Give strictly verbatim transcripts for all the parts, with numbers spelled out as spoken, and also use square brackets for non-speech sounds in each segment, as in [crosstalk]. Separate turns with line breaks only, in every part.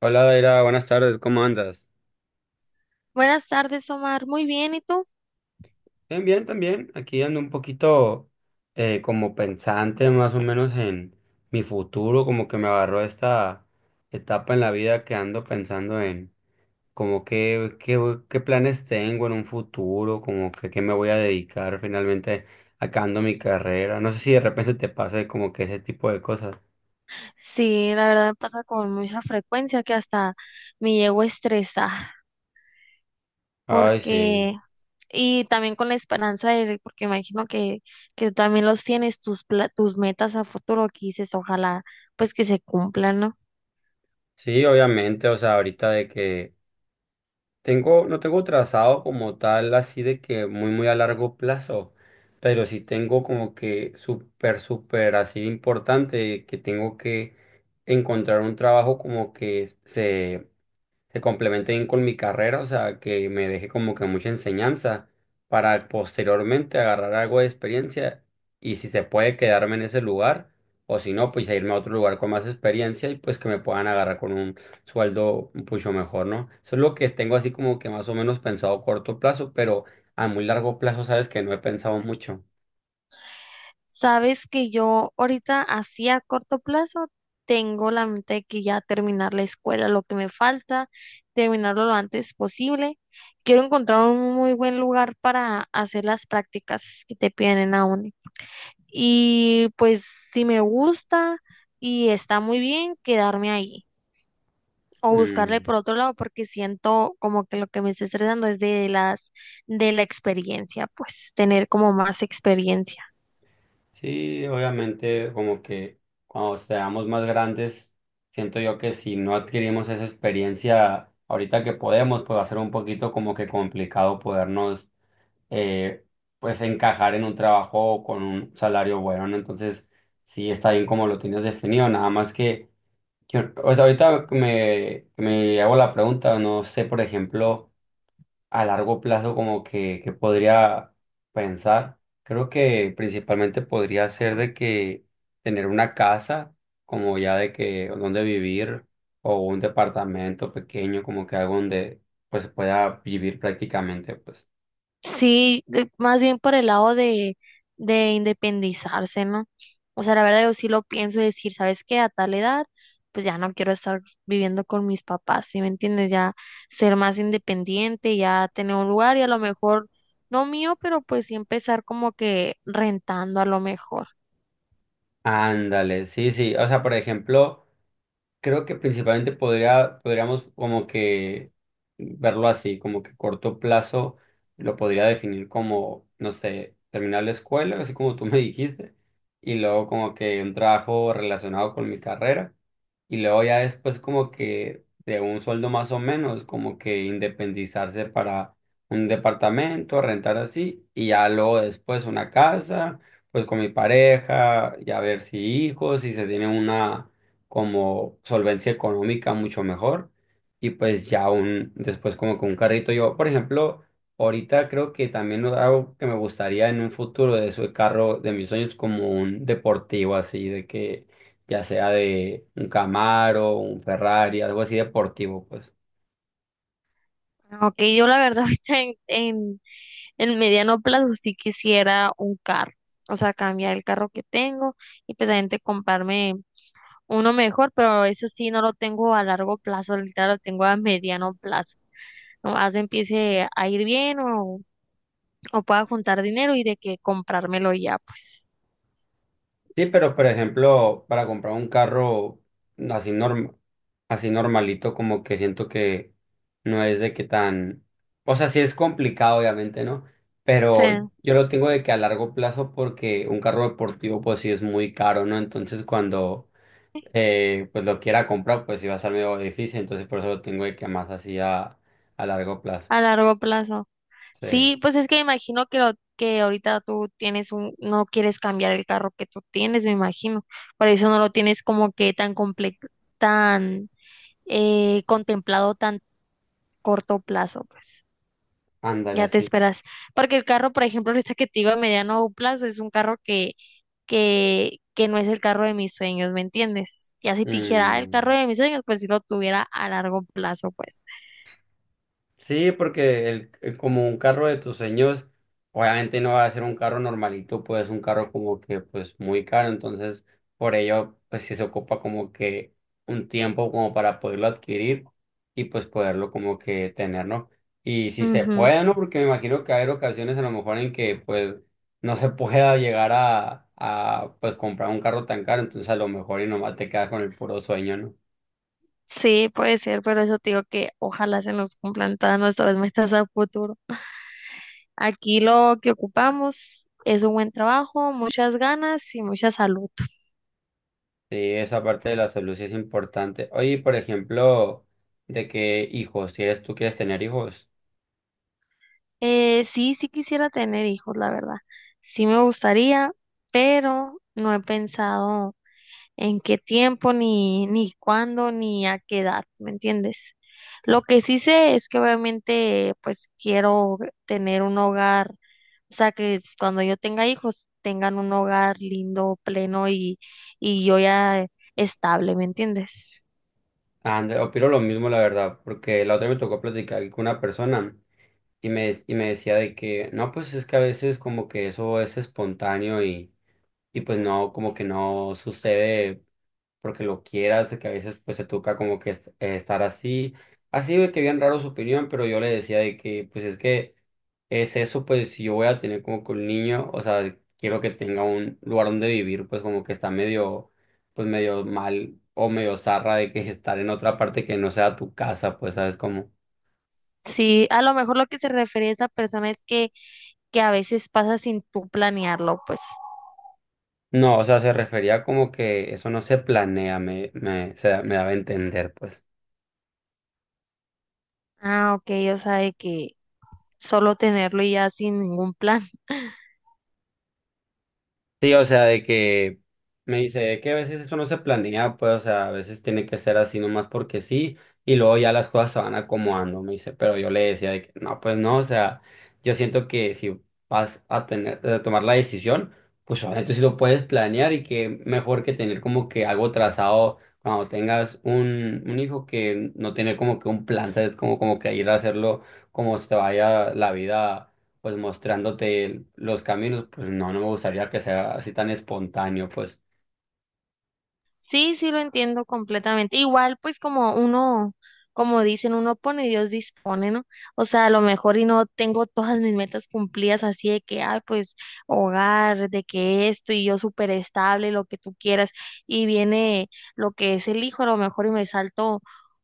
Hola, Daira, buenas tardes, ¿cómo andas?
Buenas tardes, Omar. Muy bien, ¿y tú?
Bien, bien, también. Aquí ando un poquito eh, como pensante más o menos en mi futuro, como que me agarró esta etapa en la vida que ando pensando en como qué, qué, qué planes tengo en un futuro, como que qué me voy a dedicar finalmente acabando mi carrera. No sé si de repente te pase como que ese tipo de cosas.
Sí, la verdad me pasa con mucha frecuencia que hasta me llego a estresar
Ay, sí.
porque y también con la esperanza de porque imagino que que tú también los tienes tus pla- tus metas a futuro que dices, ojalá pues que se cumplan, ¿no?
Sí, obviamente, o sea, ahorita de que tengo, no tengo trazado como tal, así de que muy, muy a largo plazo, pero sí tengo como que súper, súper así importante que tengo que encontrar un trabajo como que se se complemente bien con mi carrera, o sea, que me deje como que mucha enseñanza para posteriormente agarrar algo de experiencia y si se puede quedarme en ese lugar o si no, pues a irme a otro lugar con más experiencia y pues que me puedan agarrar con un sueldo un mucho mejor, ¿no? Eso es lo que tengo así como que más o menos pensado a corto plazo, pero a muy largo plazo sabes que no he pensado mucho.
Sabes que yo ahorita así a corto plazo tengo la mente de que ya terminar la escuela, lo que me falta, terminarlo lo antes posible. Quiero encontrar un muy buen lugar para hacer las prácticas que te piden en la uni. Y pues si me gusta y está muy bien, quedarme ahí o buscarle
Mm.
por otro lado porque siento como que lo que me está estresando es de las de la experiencia, pues tener como más experiencia.
Sí, obviamente, como que cuando seamos más grandes, siento yo que si no adquirimos esa experiencia ahorita que podemos, pues va a ser un poquito como que complicado podernos, eh, pues encajar en un trabajo con un salario bueno, ¿no? Entonces, sí está bien como lo tienes definido, nada más que, yo- o sea, ahorita que me, que me hago la pregunta, no sé, por ejemplo a largo plazo como que, que podría pensar. Creo que principalmente podría ser de que tener una casa, como ya de que donde vivir, o un departamento pequeño, como que algo donde pues pueda vivir prácticamente, pues.
Sí, de- más bien por el lado de, de independizarse, ¿no? O sea, la verdad yo sí lo pienso y decir, ¿sabes qué? A tal edad, pues ya no quiero estar viviendo con mis papás, ¿sí me entiendes? Ya ser más independiente, ya tener un lugar y a lo mejor, no mío, pero pues sí empezar como que rentando a lo mejor.
Ándale, sí, sí. O sea, por ejemplo. Creo que principalmente podría, podríamos como que verlo así, como que corto plazo lo podría definir como, no sé, terminar la escuela, así como tú [laughs] me dijiste, y luego como que un trabajo relacionado con mi carrera, y luego ya después como que de un sueldo más o menos, como que independizarse para un departamento, rentar así, y ya luego después una casa, pues con mi pareja, ya ver si hijos, si se tiene una como solvencia económica mucho mejor y pues ya un después como con un carrito yo por ejemplo ahorita creo que también no, algo que me gustaría en un futuro de su carro de mis sueños como un deportivo así de que ya sea de un Camaro un Ferrari algo así deportivo pues.
Aunque yo la verdad [laughs] ahorita en, en, en mediano plazo sí quisiera un carro, o sea, cambiar el carro que tengo y pues a gente comprarme uno mejor, pero eso sí no lo tengo a largo plazo, literal lo tengo a mediano plazo. Nomás me empiece a ir bien o, o pueda juntar dinero y de que comprármelo ya, pues,
Sí, pero por ejemplo, para comprar un carro así norm- así normalito, como que siento que no es de que tan, o sea, sí es complicado, obviamente, ¿no?
o
Pero
sea,
yo lo tengo de que a largo plazo, porque un carro deportivo, pues sí es muy caro, ¿no? Entonces cuando eh, pues lo quiera comprar, pues sí va a ser medio difícil, entonces por eso lo tengo de que más así a, a largo plazo.
a largo plazo.
Sí,
Sí, pues es que imagino que lo que ahorita tú tienes un, no quieres cambiar el carro que tú tienes, me imagino. Por eso no lo tienes como que tan comple tan eh, contemplado tan corto plazo, pues.
ándale
Ya te
así.
esperas. Porque el carro, por ejemplo, ahorita que te digo a mediano plazo, es un carro que que, que no es el carro de mis sueños, ¿me entiendes? Ya si te dijera "Ah, el carro
Mm.
de mis sueños, pues si lo tuviera a largo plazo, pues".
Sí, porque el, eh, como un carro de tus sueños, obviamente no va a ser un carro normalito, pues un carro como que pues muy caro, entonces por ello pues sí se ocupa como que un tiempo como para poderlo adquirir y pues poderlo como que tener, ¿no? Y si se
Ujú.
puede, ¿no? Porque me imagino que hay ocasiones a lo mejor en que pues no se [laughs] pueda llegar a, a pues comprar un carro tan caro, entonces a lo mejor y nomás te quedas con el puro sueño, ¿no?
Sí, puede ser, pero eso te digo que ojalá se nos cumplan todas nuestras metas a futuro. Aquí lo que ocupamos es un buen trabajo, muchas ganas y mucha salud.
Sí, esa parte de la salud sí es importante. Oye, por ejemplo, de que hijos, si es, tú quieres tener hijos,
Eh, sí, sí quisiera tener hijos, la verdad. Sí me gustaría, pero no he pensado en qué tiempo, ni, ni cuándo, ni a qué edad, ¿me entiendes? Lo que sí sé es que obviamente pues quiero tener un hogar, o sea, que cuando yo tenga hijos tengan un hogar lindo, pleno y, y yo ya estable, ¿me entiendes?
ande- opino lo mismo, la verdad, porque la otra me tocó platicar con una persona y me, y me decía de que, no, pues es que a veces como que eso es espontáneo y y pues no, como que no sucede porque lo quieras, de que a veces pues se toca como que es- eh, estar así, así de que bien raro su opinión, pero yo le decía de que pues es que es eso, pues si yo voy a tener como que un niño, o sea, quiero que tenga un lugar donde vivir, pues como que está medio, pues medio mal o medio zarra de que [laughs] estar en otra parte que no sea tu casa, pues sabes cómo.
Sí, a lo mejor lo que se refiere a esa persona es que, que a veces pasa sin tú planearlo, pues.
No, o sea, se refería como que eso no se planea, me, me, se, me daba a entender, pues.
Ah, ok, o sea, de que solo tenerlo y ya sin ningún plan. [laughs]
Sí, o sea, de que me dice que a veces eso no se planea, pues, o sea, a veces tiene que ser así nomás porque sí, y luego ya las cosas se van acomodando, me dice, pero yo le decía de que no, pues no, o sea, yo siento que si vas a tener, a tomar la decisión, pues obviamente sí lo puedes planear y que mejor que tener como que algo trazado cuando tengas un, un hijo que no tener como que un plan, ¿sabes? Como, como que ir a hacerlo como se te vaya la vida pues mostrándote los caminos, pues no, no me gustaría que sea así tan espontáneo, pues.
Sí, sí lo entiendo completamente. Igual, pues como uno, como dicen, uno pone y Dios dispone, ¿no? O sea, a lo mejor y no tengo todas mis metas cumplidas así de que, ay, pues hogar, de que esto y yo súper estable, lo que tú quieras, y viene lo que es el hijo, a lo mejor y me salto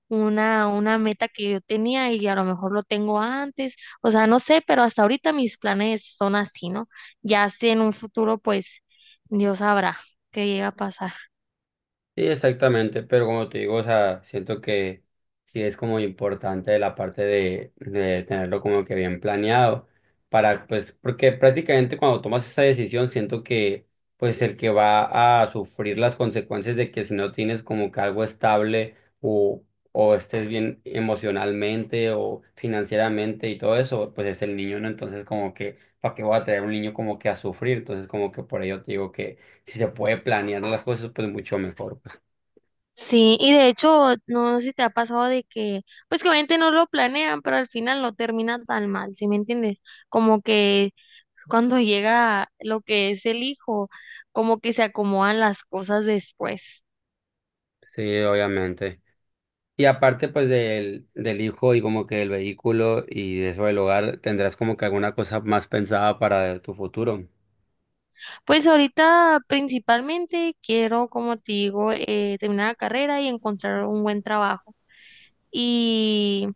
una, una meta que yo tenía y a lo mejor lo tengo antes, o sea, no sé, pero hasta ahorita mis planes son así, ¿no? Ya sé en un futuro, pues Dios sabrá qué llega a pasar.
Sí, exactamente, pero como te digo, o sea, siento que sí es como importante la parte de, de tenerlo como que bien planeado para, pues, porque prácticamente cuando tomas esa decisión, siento que, pues, el que va a sufrir las consecuencias de que si no tienes como que algo estable o, o estés bien emocionalmente o financieramente y todo eso, pues es el niño, ¿no? Entonces, como que, ¿para qué voy a traer un niño como que a sufrir? Entonces, como que por ello te digo que si se puede planear las cosas, pues mucho mejor, pues.
Sí, y de hecho, no sé si te ha pasado de que, pues que obviamente no lo planean, pero al final no termina tan mal, ¿sí me entiendes? Como que cuando [laughs] llega lo que es el hijo, como que se acomodan las cosas después.
Sí, obviamente. Y aparte, pues del, del hijo y como que el vehículo y eso del hogar, tendrás como que alguna cosa más pensada para tu futuro.
Pues ahorita principalmente quiero, como te digo, eh, terminar la carrera y encontrar un buen trabajo. Y,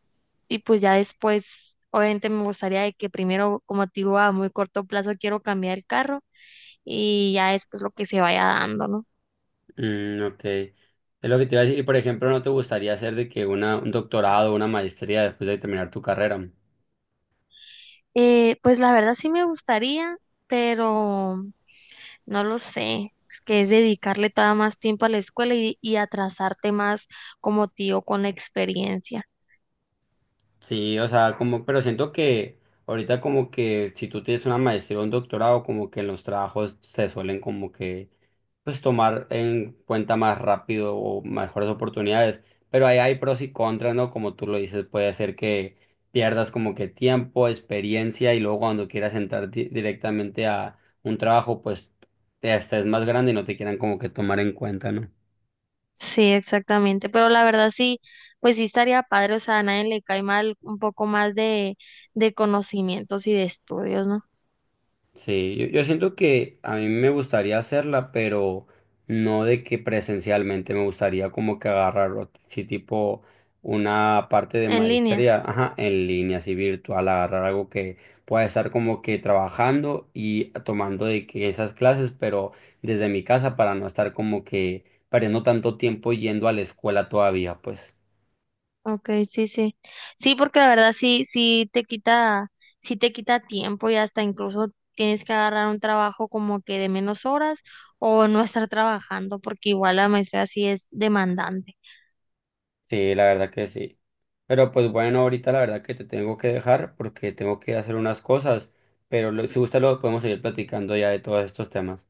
y pues ya después, obviamente me gustaría de que primero, como te digo, a muy corto plazo quiero cambiar el carro y ya es pues lo que se vaya dando, ¿no?
Mm, ok. Es lo que te iba a decir. Y por ejemplo, ¿no te gustaría hacer de que una, un doctorado, una maestría después de terminar tu carrera?
Eh, pues la verdad sí me gustaría, pero no lo sé. Es que es dedicarle todavía más tiempo a la escuela y, y atrasarte más como tío con la experiencia.
Sí, o sea, como, pero siento que ahorita como que si tú tienes una maestría o un doctorado, como que en los trabajos se suelen como que, pues tomar en cuenta más rápido o mejores oportunidades, pero ahí hay pros y contras, ¿no? Como tú lo dices, puede ser que pierdas como que tiempo, experiencia y luego cuando quieras entrar di- directamente a un trabajo, pues te estés más grande y no te quieran como que tomar en cuenta, ¿no?
Sí, exactamente. Pero la verdad sí, pues sí estaría padre, o sea, a nadie le cae mal un poco más de, de conocimientos y de estudios, ¿no?
Sí, yo, yo siento que a mí me gustaría hacerla, pero no de que presencialmente me gustaría como que agarrar, o t- sí, tipo una parte de
En línea.
maestría, ajá, en línea, así virtual, agarrar algo que pueda estar como que trabajando y tomando de que esas clases, pero desde mi casa para no estar como que perdiendo tanto tiempo yendo a la escuela todavía, pues.
Ok, sí, sí. Sí, porque la verdad sí, sí te quita, sí te quita tiempo y hasta incluso tienes que agarrar un trabajo como que de menos horas o no estar trabajando, porque igual la maestría sí es demandante.
Sí, la verdad que sí. Pero pues bueno, ahorita la verdad que te tengo que dejar porque tengo que hacer unas cosas, pero lo- si gusta lo podemos seguir platicando ya de todos estos temas.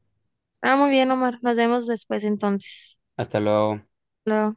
Ah, muy bien, Omar. Nos vemos después entonces.
Hasta luego.
Luego.